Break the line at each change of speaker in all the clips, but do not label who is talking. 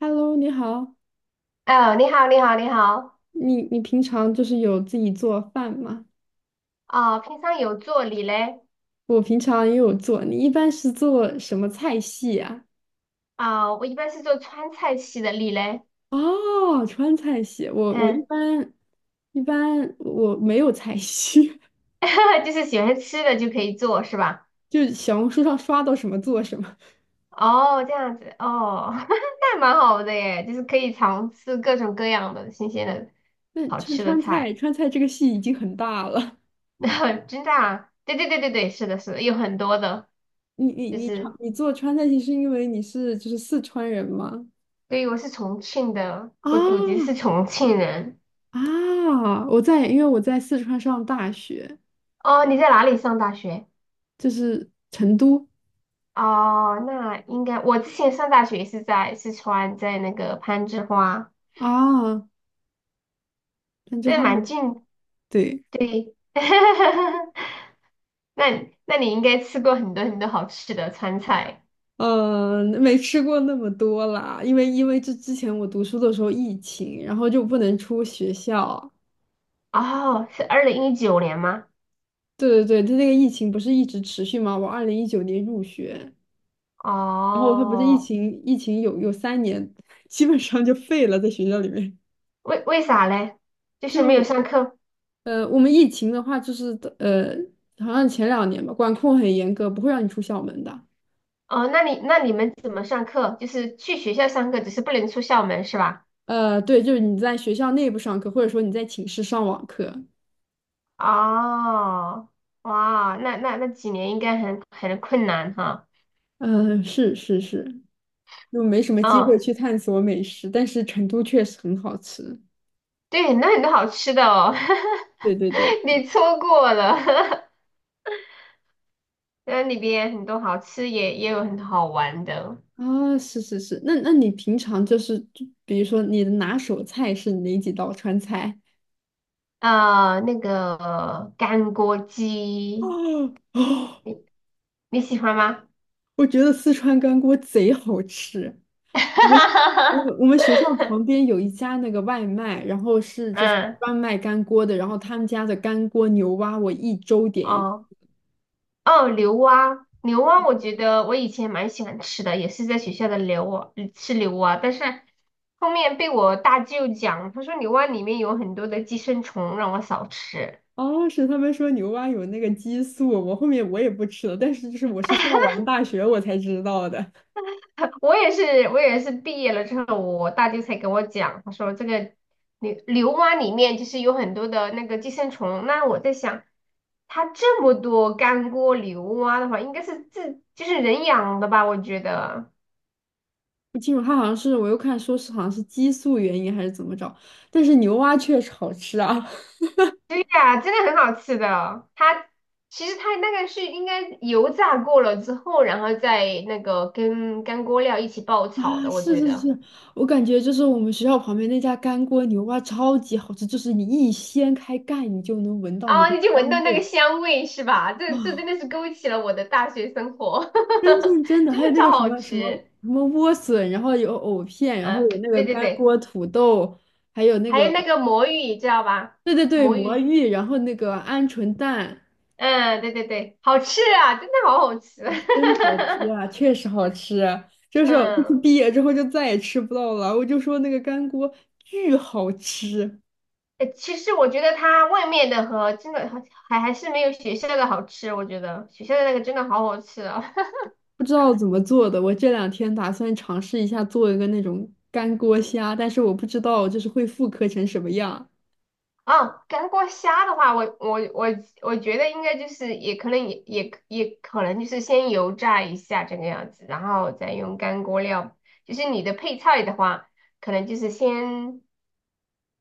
Hello，你好，
哦，你好，你好，你好。
你平常就是有自己做饭吗？
哦，平常有做。你嘞？
我平常也有做，你一般是做什么菜系啊？
啊、我一般是做川菜系的。你嘞？
哦，川菜系，我一
嗯，
般一般我没有菜系，
就是喜欢吃的就可以做，是吧？
就是小红书上刷到什么做什么。
哦，这样子，哦，那蛮好的耶，就是可以尝试各种各样的新鲜的
那
好
川
吃的
川菜
菜。
川菜这个系已经很大了，
真的啊？对对对对对，是的，是的，有很多的，
你你
就
你尝
是，
你做川菜系是因为你是就是四川人吗？
对，我是重庆的，
啊
我祖籍是重庆人。
啊！我在，因为我在四川上大学，
哦，你在哪里上大学？
就是成都
哦，那应该我之前上大学是在四川，在那个攀枝花，
啊。哦山之
对，
花
蛮
舞，
近，
对，
对。那你应该吃过很多很多好吃的川菜。
没吃过那么多啦，因为这之前我读书的时候疫情，然后就不能出学校。
哦，是2019年吗？
对对对，它那个疫情不是一直持续吗？我2019年入学，然后它不是疫
哦，
情，疫情有3年，基本上就废了，在学校里面。
为啥嘞？就是没有
就
上课。
我们疫情的话，就是好像前2年吧，管控很严格，不会让你出校门的。
哦，那你们怎么上课？就是去学校上课，只是不能出校门是吧？
对，就是你在学校内部上课，或者说你在寝室上网课。
哦，哇，那那几年应该很困难哈。
嗯，是是是，就没什么机会
哦。
去探索美食，但是成都确实很好吃。
对，那很多好吃的哦，
对对对，
你错过了，那里边很多好吃也有很多好玩的，
啊，是是是，那你平常就是，就比如说你的拿手菜是哪几道川菜？
那个干锅 鸡，
哦哦，
你你喜欢吗？
我觉得四川干锅贼好吃。我们我们我 们学校旁边有一家那个外卖，然后是就是
嗯，
专卖干锅的，然后他们家的干锅牛蛙，我1周点一
哦哦，牛蛙，牛蛙，我觉得我以前蛮喜欢吃的，也是在学校的牛蛙吃牛蛙，但是后面被我大舅讲，他说牛蛙里面有很多的寄生虫，让我少吃。
哦，是他们说牛蛙有那个激素，我后面我也不吃了，但是就是我是上完大学我才知道的，
我也是，我也是毕业了之后，我大舅才跟我讲，他说这个牛蛙里面就是有很多的那个寄生虫。那我在想，它这么多干锅牛蛙的话，应该是自就是人养的吧？我觉得，
不清楚，他好像是我又看说是好像是激素原因还是怎么着，但是牛蛙确实好吃啊
对呀，真的很好吃的。它其实它那个是应该油炸过了之后，然后再那个跟干锅料一起爆炒
啊，
的，我
是
觉
是
得。
是，我感觉就是我们学校旁边那家干锅牛蛙超级好吃，就是你一掀开盖你就能闻到那
啊，
个
你就闻
香
到那个
味
香味是吧？这这真
啊，
的是勾起了我的大学生活，
真正真 的，
真
还有
的
那
超
个什
好
么什么
吃。
什么莴笋，然后有藕片，然后
嗯、
有那个
对对
干
对，
锅土豆。还有那
还
个
有那个魔芋，你知道吧？
对对对，
魔
魔
芋，
芋，然后那个鹌鹑蛋，
嗯，对对对，好吃啊，真的好好吃。
真好吃啊，确实好吃。就是
嗯，
毕业之后就再也吃不到了。我就说那个干锅巨好吃，
诶其实我觉得它外面的和真的还是没有学校的好吃，我觉得学校的那个真的好好吃啊。
不知道怎么做的。我这2天打算尝试一下做一个那种干锅虾，但是我不知道就是会复刻成什么样。
啊，干锅虾的话，我我觉得应该就是也可能也可能就是先油炸一下这个样子，然后再用干锅料。就是你的配菜的话，可能就是先，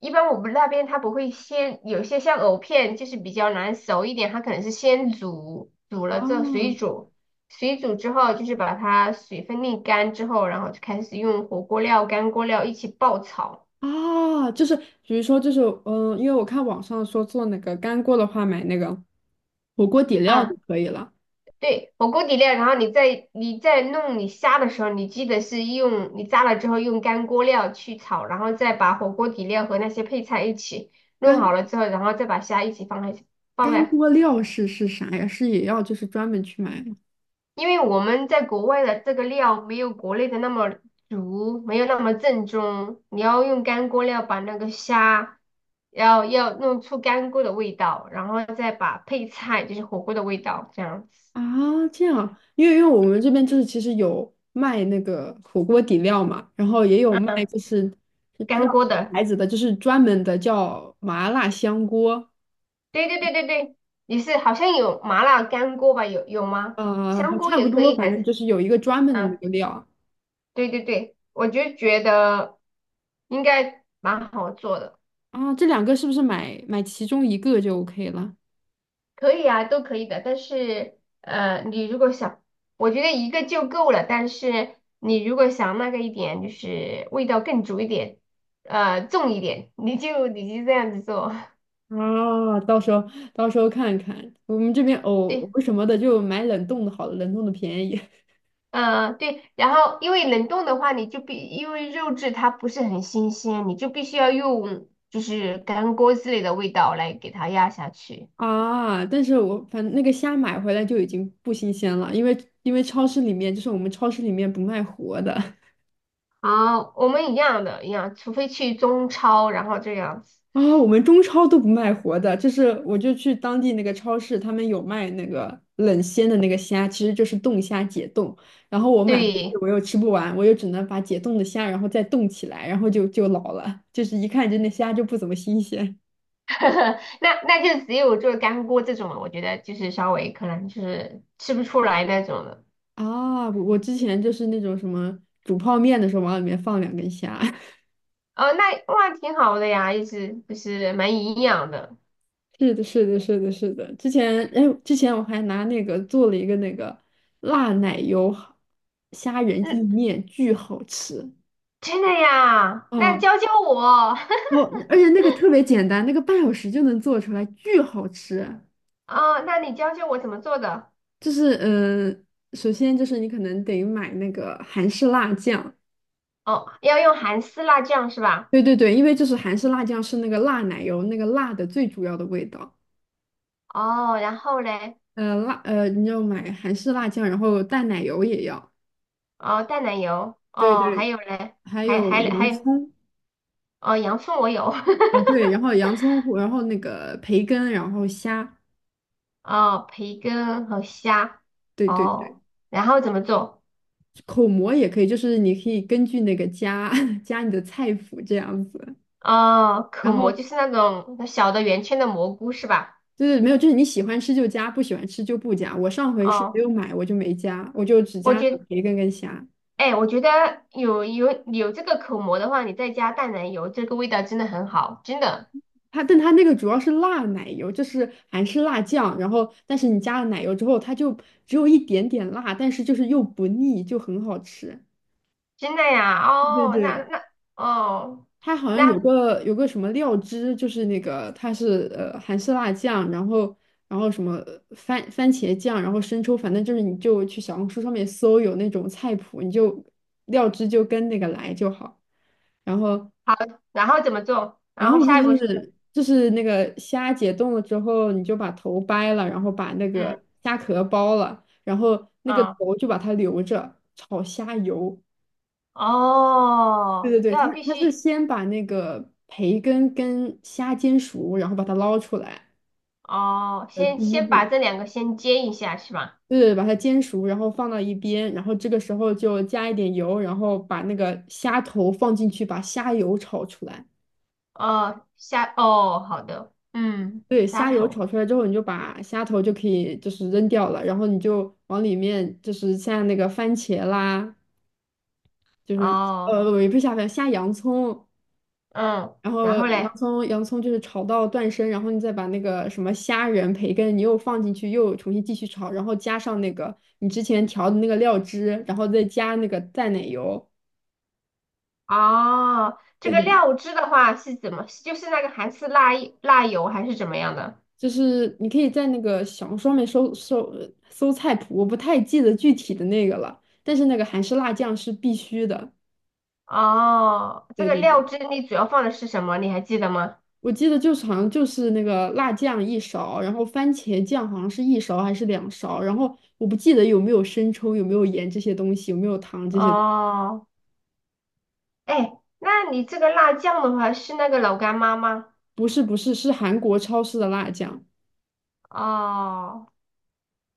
一般我们那边它不会先，有些像藕片就是比较难熟一点，它可能是先煮，煮了之后水
啊
煮，水煮之后就是把它水分沥干之后，然后就开始用火锅料、干锅料一起爆炒。
啊，就是比如说就是因为我看网上说做那个干锅的话，买那个火锅底料
啊。
就可以了。
对，火锅底料，然后你在弄你虾的时候，你记得是用你炸了之后用干锅料去炒，然后再把火锅底料和那些配菜一起弄
干。
好了之后，然后再把虾一起放在放
干
在，
锅料是啥呀？是也要就是专门去买吗？
因为我们在国外的这个料没有国内的那么足，没有那么正宗，你要用干锅料把那个虾要弄出干锅的味道，然后再把配菜就是火锅的味道这样子。
啊，这样啊，因为我们这边就是其实有卖那个火锅底料嘛，然后也有卖
嗯，
就是不知道
干锅
哪个
的。
牌子的，就是专门的叫麻辣香锅，
对对对对对，也是，好像有麻辣干锅吧？有有吗？香锅
差不
也可
多，
以，
反
反
正
正
就是有一个专门的那
嗯，
个料
对对对，我就觉得应该蛮好做的。
啊。这两个是不是买其中一个就 OK 了？
可以啊，都可以的。但是你如果想，我觉得一个就够了。但是你如果想那个一点，就是味道更足一点，重一点，你就这样子做。
啊，到时候看看，我们这边 藕
对，
藕什么的就买冷冻的好了，冷冻的便宜。
嗯，对，然后因为冷冻的话，你就必因为肉质它不是很新鲜，你就必须要用就是干锅之类的味道来给它压下去。
啊，但是我反正那个虾买回来就已经不新鲜了，因为超市里面就是我们超市里面不卖活的
啊，我们一样的，一样，除非去中超，然后这样子。
啊，我们中超都不卖活的，就是我就去当地那个超市，他们有卖那个冷鲜的那个虾，其实就是冻虾解冻，然后我买回去
对，
我又吃不完，我又只能把解冻的虾然后再冻起来，然后就老了，就是一看就那虾就不怎么新鲜
那那就只有做干锅这种了，我觉得就是稍微可能就是吃不出来那种的。
啊，我之前就是那种什么煮泡面的时候往里面放2根虾。
哦，那哇，挺好的呀，意思就是蛮营养的。
是的，是的，是的，是的。之前，哎，之前我还拿那个做了一个那个辣奶油虾仁意
嗯，
面，巨好吃
真的呀，
啊！
那教教我。
哦，而且那个特别简单，那个半小时就能做出来，巨好吃。
哦，那你教教我怎么做的？
就是，首先就是你可能得买那个韩式辣酱，
哦，要用韩式辣酱是吧？
对对对，因为就是韩式辣酱是那个辣奶油那个辣的最主要的味道。
哦，然后嘞？
你要买韩式辣酱，然后淡奶油也要，
哦，淡奶油，
对
哦，还
对，
有嘞？
还
还
有
还还
洋
有，
葱。
哦，洋葱我有，
啊，对，然后洋葱糊然后那个培根，然后虾，
哦，培根和虾，
对对对，
哦，然后怎么做？
口蘑也可以，就是你可以根据那个加 加你的菜谱这样子，
哦，口
然
蘑就
后
是那种小的圆圈的蘑菇是吧？
就是没有，就是你喜欢吃就加，不喜欢吃就不加。我上回是没
哦，
有买，我就没加，我就只
我
加了
觉，
培根跟虾。
哎，我觉得有这个口蘑的话，你再加淡奶油，这个味道真的很好，真的。
它，但它那个主要是辣奶油，就是韩式辣酱，然后但是你加了奶油之后，它就只有一点点辣，但是就是又不腻，就很好吃。
真的呀？
对对
哦，那
对。
那哦，
它好像
那
有个什么料汁，就是那个它是韩式辣酱，然后然后什么番茄酱，然后生抽，反正就是你就去小红书上面搜有那种菜谱，你就料汁就跟那个来就好。然后
好，然后怎么做？
然
然
后
后
就
下一步是什么？
是就是那个虾解冻了之后，你就把头掰了，然后把那
嗯，
个虾壳剥了，然后那个
哦
头就把它留着炒虾油。对
哦，
对对，他
要必
他是
须
先把那个培根跟虾煎熟，然后把它捞出来，
哦，先
第一
先把
步，
这两个先煎一下是吧？
对对，把它煎熟，然后放到一边，然后这个时候就加一点油，然后把那个虾头放进去，把虾油炒出来。
哦，虾哦，好的，嗯，
对，
虾
虾油
头
炒出来之后，你就把虾头就可以就是扔掉了，然后你就往里面就是像那个番茄啦，就是
哦，
也不是虾番，虾洋葱，
嗯，
然后
然后
洋
嘞？
葱洋葱就是炒到断生，然后你再把那个什么虾仁、培根，你又放进去，又重新继续炒，然后加上那个你之前调的那个料汁，然后再加那个淡奶油。
哦，这
对
个
对对，
料汁的话是怎么？就是那个韩式辣辣油还是怎么样的？
就是你可以在那个小红书上面搜菜谱，我不太记得具体的那个了，但是那个韩式辣酱是必须的。
哦，这
对
个
对对。
料汁你主要放的是什么？你还记得吗？
我记得就是好像就是那个辣酱一勺，然后番茄酱好像是一勺还是2勺，然后我不记得有没有生抽，有没有盐这些东西，有没有糖这些，
哦，哎，那你这个辣酱的话是那个老干妈吗？
不是不是是韩国超市的辣酱，
哦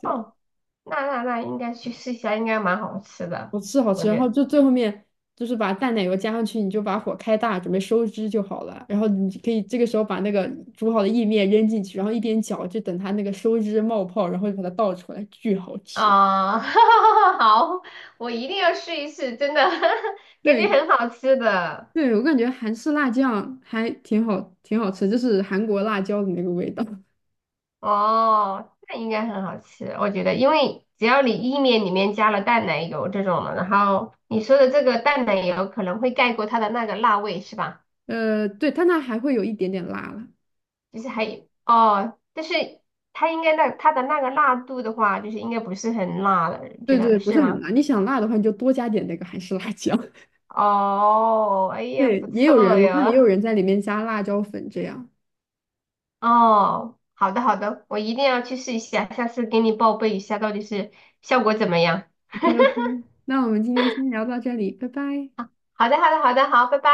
对，
哦，那那那应该去试一下，应该蛮好吃的，
好吃好
我
吃。然
觉
后
得。
就最后面就是把淡奶油加上去，你就把火开大，准备收汁就好了。然后你可以这个时候把那个煮好的意面扔进去，然后一边搅，就等它那个收汁冒泡，然后就把它倒出来，巨好吃。
哦，好，我一定要试一试，真的，感觉
对。
很好吃的。
对，我感觉韩式辣酱还挺好，挺好吃，就是韩国辣椒的那个味道。
哦，那应该很好吃，我觉得，因为只要你意面里面加了淡奶油这种的，然后你说的这个淡奶油可能会盖过它的那个辣味，是吧？
对，但它那还会有一点点辣了。
就是还哦，但是它应该那它的那个辣度的话，就是应该不是很辣了，你觉
对
得
对，不
是
是很
吗？
辣。你想辣的话，你就多加点那个韩式辣椒。
哦，哎 呀，
对，
不
也有
错
人，我看也有
呀。
人在里面加辣椒粉这样。
哦，好的好的，我一定要去试一下，下次给你报备一下到底是效果怎么样。
OK OK，那我们今天先聊到这里，拜拜。
好的好的好的，好，拜拜。